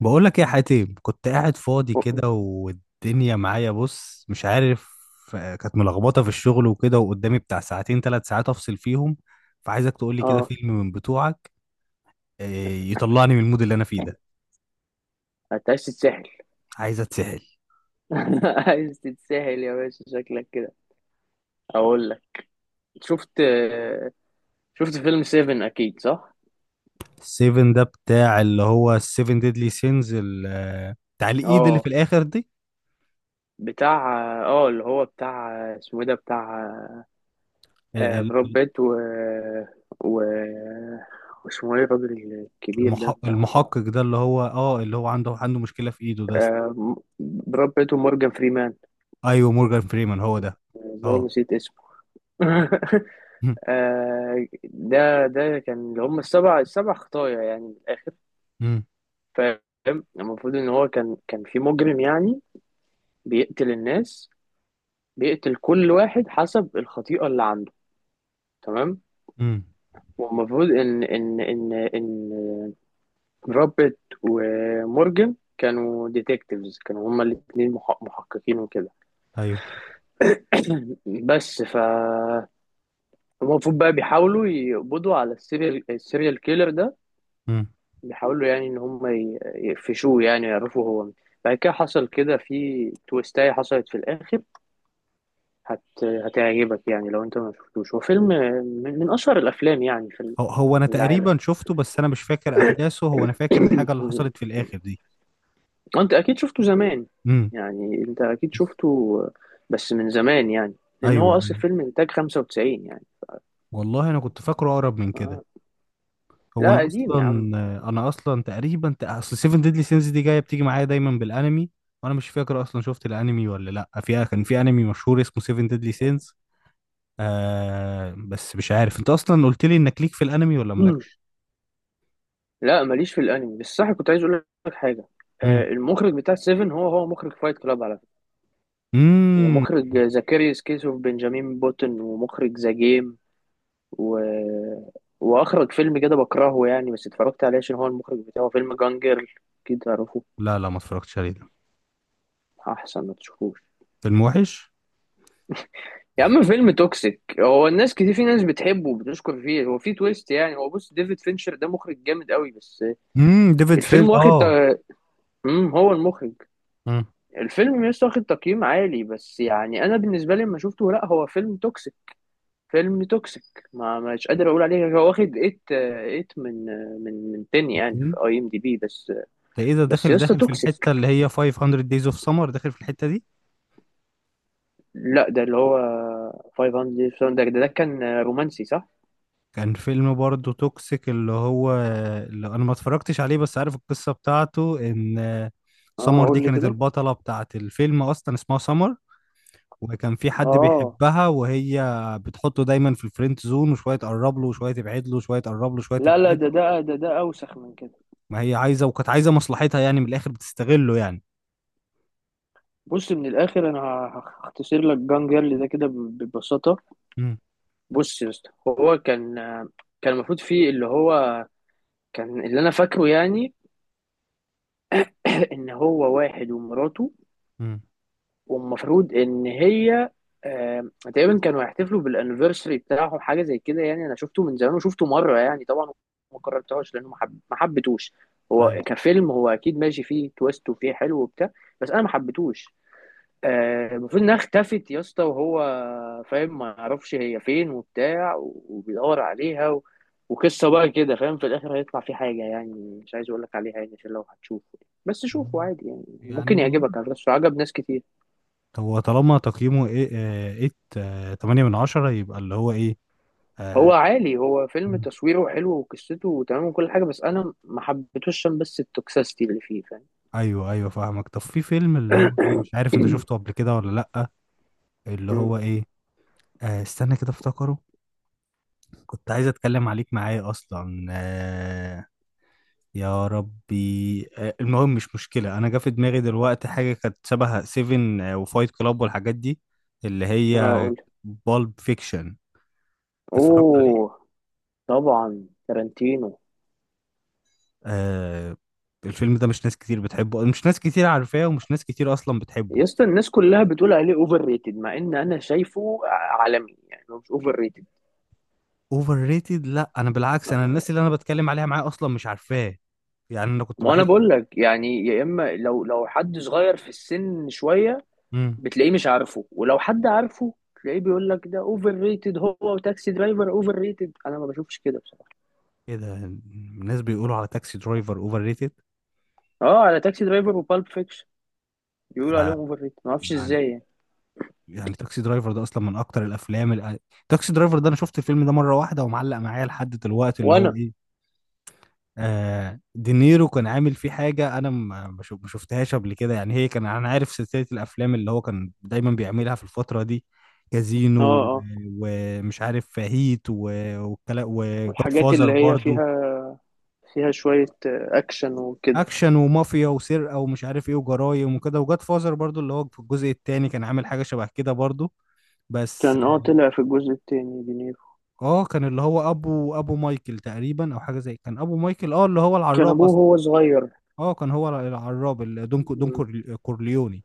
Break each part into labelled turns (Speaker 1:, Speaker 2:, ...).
Speaker 1: بقول لك يا حاتم، كنت قاعد فاضي كده والدنيا معايا، بص مش عارف. كانت ملخبطه في الشغل وكده، وقدامي بتاع ساعتين ثلاث ساعات افصل فيهم. فعايزك تقول لي كده
Speaker 2: اه.
Speaker 1: فيلم من بتوعك. آه، يطلعني من المود اللي انا فيه ده.
Speaker 2: انت عايز تتسحل؟
Speaker 1: عايز اتسحل.
Speaker 2: عايز تتسحل يا باشا، شكلك كده. اقول لك، شفت شفت فيلم 7، اكيد صح؟
Speaker 1: السيفن ده بتاع اللي هو السيفن ديدلي سينز، بتاع الايد اللي في
Speaker 2: اه
Speaker 1: الاخر دي.
Speaker 2: بتاع اه اللي هو بتاع اسمه ايه ده، بتاع
Speaker 1: ال-
Speaker 2: آه،
Speaker 1: ال-
Speaker 2: براد بيت و واسمه ايه الراجل الكبير ده، بتاع
Speaker 1: المحقق ده اللي هو عنده مشكله في ايده ده.
Speaker 2: آه، براد بيت ومورجان فريمان.
Speaker 1: ايوه مورجان فريمان هو ده.
Speaker 2: ازاي
Speaker 1: اه.
Speaker 2: نسيت اسمه! آه، ده كان اللي هم السبع خطايا يعني من الآخر.
Speaker 1: امم
Speaker 2: فاهم؟ المفروض إن هو كان في مجرم يعني بيقتل الناس، بيقتل كل واحد حسب الخطيئة اللي عنده، تمام.
Speaker 1: امم
Speaker 2: والمفروض إن روبرت ومورجان كانوا ديتكتيفز، كانوا هما الاتنين محققين وكده.
Speaker 1: ايوه.
Speaker 2: بس ف المفروض بقى بيحاولوا يقبضوا على السيريال كيلر ده، بيحاولوا يعني ان هم يقفشوه، يعني يعرفوا هو مين. بعد كده حصل كده في تويستاية حصلت في الاخر. هت... هتعجبك يعني لو انت ما شفتوش. هو فيلم من اشهر الافلام يعني في
Speaker 1: هو انا
Speaker 2: في العالم.
Speaker 1: تقريبا شفته، بس انا مش فاكر احداثه. هو انا فاكر الحاجه اللي حصلت في الاخر دي.
Speaker 2: انت اكيد شفته زمان،
Speaker 1: امم
Speaker 2: يعني انت اكيد شفته بس من زمان يعني، لان
Speaker 1: ايوه
Speaker 2: هو اصل
Speaker 1: ايوه.
Speaker 2: فيلم انتاج 95 يعني.
Speaker 1: والله انا كنت فاكره اقرب من كده.
Speaker 2: آه.
Speaker 1: هو
Speaker 2: لا
Speaker 1: انا
Speaker 2: قديم
Speaker 1: اصلا
Speaker 2: يا عم.
Speaker 1: انا اصلا تقريبا اصل سيفن ديدلي سينز دي بتيجي معايا دايما بالانمي. وانا مش فاكر اصلا شفت الانمي ولا لا. كان في انمي مشهور اسمه سيفن ديدلي سينز. بس مش عارف انت اصلا قلت لي انك ليك في الانمي ولا مالكش.
Speaker 2: لا ماليش في الانمي، بس صح كنت عايز اقول لك حاجه. آه،
Speaker 1: امم
Speaker 2: المخرج بتاع سيفن هو مخرج فايت كلاب على،
Speaker 1: امم
Speaker 2: ومخرج زكريوس كيسو، بنجامين بوتن، ومخرج ذا جيم و... واخرج فيلم كده بكرهه يعني، بس اتفرجت عليه عشان هو المخرج بتاعه، فيلم جانجر. اكيد تعرفه.
Speaker 1: لا لا، ما اتفرجتش عليه ده.
Speaker 2: احسن ما تشوفوش.
Speaker 1: فيلم وحش.
Speaker 2: يا عم فيلم توكسيك، هو الناس كتير، في ناس بتحبه وبتشكر فيه، هو في تويست يعني. هو بص ديفيد فينشر ده مخرج جامد قوي بس.
Speaker 1: ديفيد فين
Speaker 2: الفيلم واخد هو المخرج، الفيلم لسه واخد تقييم عالي بس، يعني انا بالنسبه لي لما شفته، لا هو فيلم توكسيك. فيلم توكسيك. ما مش قادر اقول عليه. هو واخد 8 8 من آه، من من 10 يعني في
Speaker 1: امم
Speaker 2: اي ام دي بي بس.
Speaker 1: ده ايه ده؟
Speaker 2: بس يا اسطى
Speaker 1: داخل في الحتة
Speaker 2: توكسيك.
Speaker 1: اللي هي 500 days of summer، داخل في الحتة دي.
Speaker 2: لا ده اللي هو 500، ده كان رومانسي صح؟
Speaker 1: كان فيلم برضه توكسيك، اللي انا ما اتفرجتش عليه، بس عارف القصة بتاعته ان
Speaker 2: اه
Speaker 1: سمر دي
Speaker 2: قول لي
Speaker 1: كانت
Speaker 2: كده.
Speaker 1: البطلة بتاعت الفيلم، اصلا اسمها سمر. وكان في حد
Speaker 2: اه
Speaker 1: بيحبها وهي بتحطه دايما في الفريند زون، وشوية تقرب له وشوية تبعد له وشوية تقرب له وشوية
Speaker 2: لا لا،
Speaker 1: تبعد
Speaker 2: ده
Speaker 1: له.
Speaker 2: ده ده ده اوسخ من كده.
Speaker 1: ما هي عايزة، وكانت عايزة مصلحتها يعني من الاخر، بتستغله يعني.
Speaker 2: بص من الاخر انا هختصر لك، جان جيرل ده كده ببساطه.
Speaker 1: امم
Speaker 2: بص يا اسطى، هو كان المفروض فيه اللي هو، كان اللي انا فاكره يعني، ان هو واحد ومراته،
Speaker 1: امم
Speaker 2: والمفروض ان هي آم، تقريبا كانوا هيحتفلوا بالانيفرساري بتاعهم حاجه زي كده. يعني انا شفته من زمان وشفته مره يعني طبعا ما كررتهوش لانه ما حبيتهوش.
Speaker 1: ايوه.
Speaker 2: هو كفيلم هو اكيد ماشي، فيه تويست وفيه حلو وبتاع، بس انا ما حبيتهوش. آه، المفروض انها اختفت يا اسطى، وهو فاهم ما يعرفش هي فين وبتاع، وبيدور عليها وقصه بقى كده فاهم. في الاخر هيطلع فيه حاجه يعني مش عايز اقول لك عليها، يعني عشان لو هتشوفه، بس شوفه
Speaker 1: مم.
Speaker 2: عادي، يعني
Speaker 1: يعني
Speaker 2: ممكن
Speaker 1: والله،
Speaker 2: يعجبك، على فكرة عجب ناس كتير.
Speaker 1: هو طالما تقييمه ايه، ايه، تمانية من عشرة، يبقى اللي هو ايه.
Speaker 2: هو
Speaker 1: آه.
Speaker 2: عالي، هو فيلم
Speaker 1: مم.
Speaker 2: تصويره حلو وقصته تمام وكل حاجة، بس أنا ما حبيتهوش عشان بس التوكسيستي اللي فيه، فاهم.
Speaker 1: ايوه ايوه، فاهمك. طب في فيلم اللي هو ايه، مش عارف انت شفته قبل كده ولا لأ. اللي
Speaker 2: أمم،
Speaker 1: هو ايه؟ استنى كده افتكره. كنت عايز اتكلم عليك معايا اصلا يا ربي. المهم، مش مشكلة. انا جا في دماغي دلوقتي حاجة كانت شبه سيفن وفايت كلاب والحاجات دي، اللي هي
Speaker 2: هقول
Speaker 1: بالب فيكشن. اتفرجت
Speaker 2: أوه طبعا تارانتينو.
Speaker 1: آه الفيلم ده مش ناس كتير بتحبه، مش ناس كتير عارفاه، ومش ناس كتير اصلا بتحبه.
Speaker 2: يا اسطى الناس كلها بتقول عليه اوفر ريتد، مع ان انا شايفه عالمي، يعني هو مش اوفر ريتد.
Speaker 1: اوفر ريتد؟ لا، انا بالعكس، انا الناس اللي انا بتكلم عليها معاه اصلا مش عارفاه. يعني انا كنت
Speaker 2: ما انا
Speaker 1: بحس.
Speaker 2: بقول لك يعني، يا اما لو حد صغير في السن شويه
Speaker 1: امم
Speaker 2: بتلاقيه مش عارفه، ولو حد عارفه تلاقيه بيقول لك ده اوفر ريتد، هو وتاكسي درايفر اوفر ريتد، انا ما بشوفش كده.
Speaker 1: ايه ده، الناس بيقولوا على تاكسي درايفر اوفر ريتد؟
Speaker 2: اه على تاكسي درايفر وبالب فيكشن، بيقولوا
Speaker 1: آه
Speaker 2: عليهم اوفر ريت، ما اعرفش
Speaker 1: يعني،
Speaker 2: ازاي يعني.
Speaker 1: تاكسي درايفر ده اصلا من اكتر الافلام تاكسي درايفر ده انا شفت الفيلم ده مره واحده، ومعلق معايا لحد دلوقتي اللي هو
Speaker 2: وانا
Speaker 1: ايه. دينيرو كان عامل فيه حاجة أنا ما شفتهاش قبل كده. يعني هي كان أنا عارف سلسلة الأفلام اللي هو كان دايما بيعملها في الفترة دي.
Speaker 2: اه
Speaker 1: كازينو
Speaker 2: اه
Speaker 1: ومش عارف هيت والكلام، وجاد
Speaker 2: والحاجات
Speaker 1: فازر
Speaker 2: اللي هي
Speaker 1: برضو.
Speaker 2: فيها، فيها شوية آه، اكشن وكده.
Speaker 1: أكشن ومافيا وسرقة ومش عارف إيه وجرايم وكده، وجاد فازر برضو اللي هو في الجزء التاني كان عامل حاجة شبه كده برضو، بس
Speaker 2: كان اه طلع في الجزء التاني دينيرو،
Speaker 1: كان اللي هو أبو مايكل تقريبا، أو حاجة زي كان أبو مايكل، اللي هو
Speaker 2: كان
Speaker 1: العراب
Speaker 2: ابوه
Speaker 1: أصلا.
Speaker 2: هو صغير.
Speaker 1: كان هو العراب دون
Speaker 2: مم.
Speaker 1: كورليوني.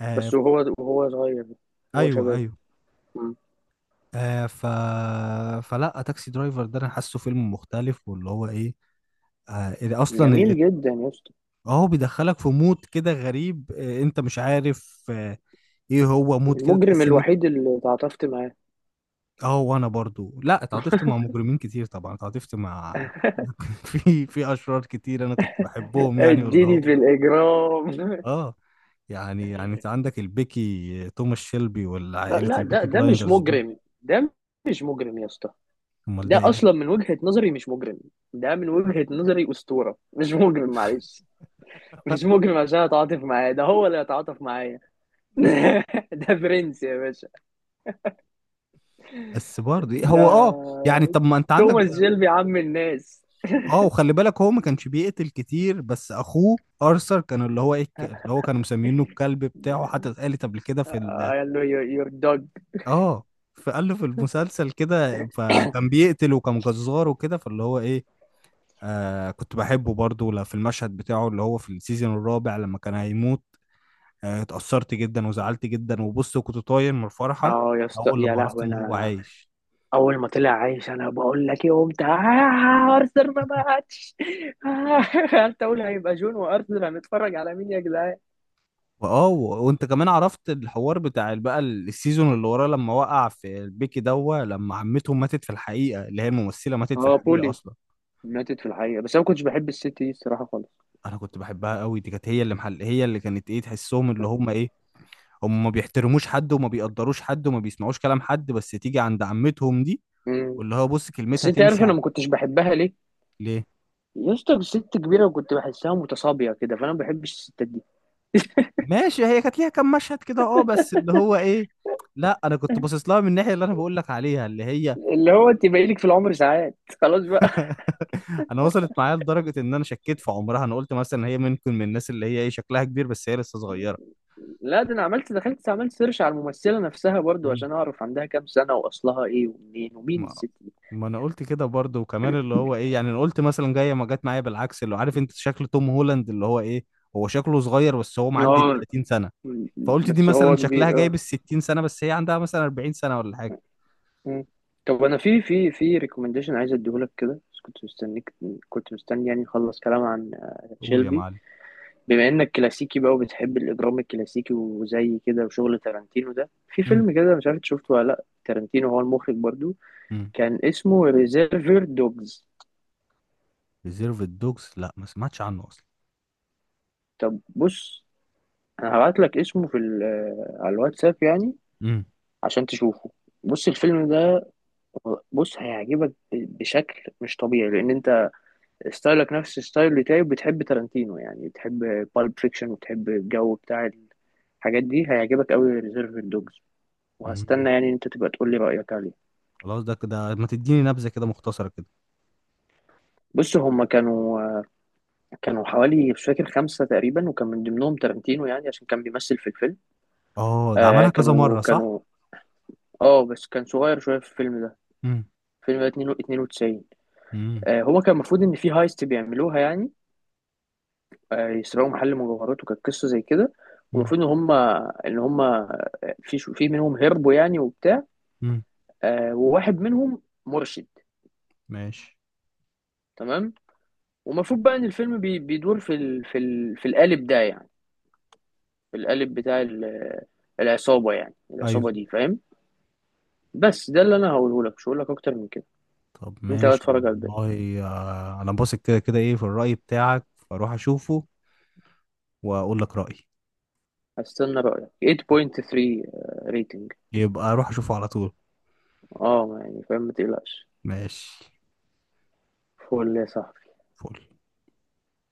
Speaker 1: آه.
Speaker 2: بس وهو صغير وهو
Speaker 1: ايوه
Speaker 2: شباب.
Speaker 1: ايوه.
Speaker 2: مم.
Speaker 1: آه ف فلا، تاكسي درايفر ده انا حاسه فيلم مختلف، واللي هو ايه. إذا اصلا
Speaker 2: جميل جدا يا اسطى.
Speaker 1: اهو بيدخلك في مود كده غريب، انت مش عارف ايه هو مود كده،
Speaker 2: المجرم
Speaker 1: تحس ان انت.
Speaker 2: الوحيد اللي تعاطفت معاه،
Speaker 1: اه، وانا برضو، لا اتعاطفت مع مجرمين كتير طبعا، اتعاطفت مع في اشرار كتير انا كنت بحبهم يعني، واللي
Speaker 2: اديني
Speaker 1: هو
Speaker 2: في الاجرام.
Speaker 1: اه يعني، انت عندك البيكي، توماس شيلبي
Speaker 2: لا
Speaker 1: والعائله
Speaker 2: لا، ده
Speaker 1: البيكي
Speaker 2: ده مش
Speaker 1: بلايندرز دول.
Speaker 2: مجرم. ده مش مجرم يا اسطى.
Speaker 1: امال ده
Speaker 2: ده
Speaker 1: ايه؟
Speaker 2: اصلا من وجهة نظري مش مجرم، ده من وجهة نظري اسطورة مش مجرم، معلش. مش مجرم عشان اتعاطف معاه، ده هو اللي اتعاطف معايا. ده برنس يا باشا.
Speaker 1: بس برضه إيه
Speaker 2: ده
Speaker 1: هو يعني طب ما انت عندك.
Speaker 2: توماس جيلبي، عم الناس.
Speaker 1: اه، وخلي بالك هو ما كانش بيقتل كتير، بس اخوه ارثر كان اللي هو ايه اللي هو كانوا مسمينه الكلب بتاعه، حتى اتقالت قبل كده في ال
Speaker 2: قال له يور دوج.
Speaker 1: اه فقال له في المسلسل كده، فكان بيقتل وكان جزار وكده، فاللي هو ايه. كنت بحبه برضه، لا في المشهد بتاعه اللي هو في السيزون الرابع لما كان هيموت. اتأثرت جدا وزعلت جدا، وبص كنت طاير من الفرحة
Speaker 2: اه يا اسطى
Speaker 1: اول لما
Speaker 2: يا
Speaker 1: عرفت
Speaker 2: لهوي.
Speaker 1: ان هو
Speaker 2: انا
Speaker 1: عايش.
Speaker 2: اول ما طلع عايش انا بقول لك ايه، قمت آه، ارثر ما ماتش. آه، قلت اقول هيبقى جون وارثر، هنتفرج على مين يا جدعان.
Speaker 1: وانت كمان عرفت الحوار بتاع السيزون اللي وراه، لما وقع في البيكي دوا، لما عمتهم ماتت في الحقيقه، اللي هي الممثله ماتت في
Speaker 2: اه
Speaker 1: الحقيقه
Speaker 2: بولي.
Speaker 1: اصلا.
Speaker 2: ماتت في الحقيقة، بس انا ما كنتش بحب الست دي الصراحة،
Speaker 1: انا كنت بحبها قوي دي، كانت هي اللي كانت ايه، تحسهم اللي هم ايه هم ما بيحترموش حد وما بيقدروش حد وما بيسمعوش كلام حد، بس تيجي عند عمتهم دي.
Speaker 2: خالص.
Speaker 1: واللي هو، بص
Speaker 2: بس
Speaker 1: كلمتها
Speaker 2: انت عارف
Speaker 1: تمشي
Speaker 2: انا ما كنتش بحبها ليه؟
Speaker 1: ليه؟
Speaker 2: يا اسطى ست كبيره، وكنت بحسها متصابيه كده، فانا ما بحبش الستات دي.
Speaker 1: ماشي، هي كانت ليها كام مشهد كده بس اللي هو ايه. لا انا كنت باصص لها من الناحيه اللي انا بقول لك عليها، اللي هي
Speaker 2: اللي هو انت باقي لك في العمر ساعات خلاص بقى.
Speaker 1: انا وصلت معايا لدرجه ان انا شكيت في عمرها. انا قلت مثلا هي ممكن من الناس اللي هي ايه، شكلها كبير بس هي لسه صغيره.
Speaker 2: لا ده انا عملت، دخلت عملت سيرش على الممثله نفسها برضو
Speaker 1: مم.
Speaker 2: عشان اعرف عندها كام سنه، واصلها ايه ومنين ومين
Speaker 1: ما
Speaker 2: الست دي.
Speaker 1: ما انا قلت كده برضه، وكمان اللي هو ايه. يعني انا قلت مثلا جايه، ما جت معايا بالعكس، اللي هو عارف انت شكل توم هولاند اللي هو ايه، هو شكله صغير بس هو معدي ال
Speaker 2: اه
Speaker 1: 30 سنه.
Speaker 2: م-
Speaker 1: فقلت دي
Speaker 2: بس هو
Speaker 1: مثلا شكلها
Speaker 2: كبير اه.
Speaker 1: جايب ال 60 سنه بس هي عندها مثلا 40 سنه ولا حاجه.
Speaker 2: م. طب انا في ريكومنديشن عايز اديهولك كده، بس كنت مستنيك، كنت مستني يعني نخلص كلام عن
Speaker 1: قول يا
Speaker 2: شيلبي.
Speaker 1: معلم.
Speaker 2: بما انك كلاسيكي بقى، وبتحب الاجرام الكلاسيكي وزي كده وشغل تارانتينو، ده في
Speaker 1: امم
Speaker 2: فيلم كده مش عارف إنت شفته ولا لا، تارانتينو هو المخرج برضو،
Speaker 1: امم
Speaker 2: كان اسمه ريزيرفر دوجز.
Speaker 1: ريزيرف الدوجز؟ لا، ما سمعتش عنه اصلا.
Speaker 2: طب بص، انا هبعت لك اسمه في آه، على الواتساب يعني،
Speaker 1: امم
Speaker 2: عشان تشوفه. بص الفيلم ده، بص هيعجبك بشكل مش طبيعي، لان انت ستايلك نفس الستايل بتاعي، وبتحب تارانتينو، يعني بتحب بالب فيكشن، وبتحب الجو بتاع الحاجات دي، هيعجبك قوي ريزيرفر دوجز.
Speaker 1: امم
Speaker 2: وهستنى يعني إن انت تبقى تقول لي رأيك عليه.
Speaker 1: خلاص ده كده، ما تديني نبذه كده مختصره كده.
Speaker 2: بص هما كانوا حوالي مش فاكر خمسة تقريبا، وكان من ضمنهم تارانتينو يعني عشان كان بيمثل في الفيلم.
Speaker 1: اه، ده
Speaker 2: آه
Speaker 1: عملها كذا
Speaker 2: كانوا
Speaker 1: مرة صح؟
Speaker 2: كانوا اه بس كان صغير شوية في الفيلم ده.
Speaker 1: امم
Speaker 2: الفيلم ده 92.
Speaker 1: امم
Speaker 2: آه هو كان المفروض إن في هايست بيعملوها يعني. آه يسرقوا محل مجوهرات، وكانت قصة زي كده.
Speaker 1: امم
Speaker 2: والمفروض إن هما في في منهم هربوا يعني وبتاع.
Speaker 1: امم
Speaker 2: آه وواحد منهم مرشد.
Speaker 1: ماشي.
Speaker 2: تمام. ومفروض بقى إن الفيلم بيدور في القالب ده يعني، القالب بتاع العصابة، يعني
Speaker 1: ايوه.
Speaker 2: العصابة دي فاهم. بس ده اللي انا هقوله لك، مش هقول لك اكتر من كده.
Speaker 1: طب
Speaker 2: انت بقى
Speaker 1: ماشي،
Speaker 2: اتفرج على الباقي.
Speaker 1: والله انا باثق كده كده ايه في الرأي بتاعك، فاروح اشوفه. واقول لك رأيي.
Speaker 2: هستنى رأيك، 8.3 ريتنج.
Speaker 1: يبقى اروح اشوفه على طول.
Speaker 2: اه يعني فاهم، ما تقلقش.
Speaker 1: ماشي.
Speaker 2: فول يا صاحبي.
Speaker 1: فل.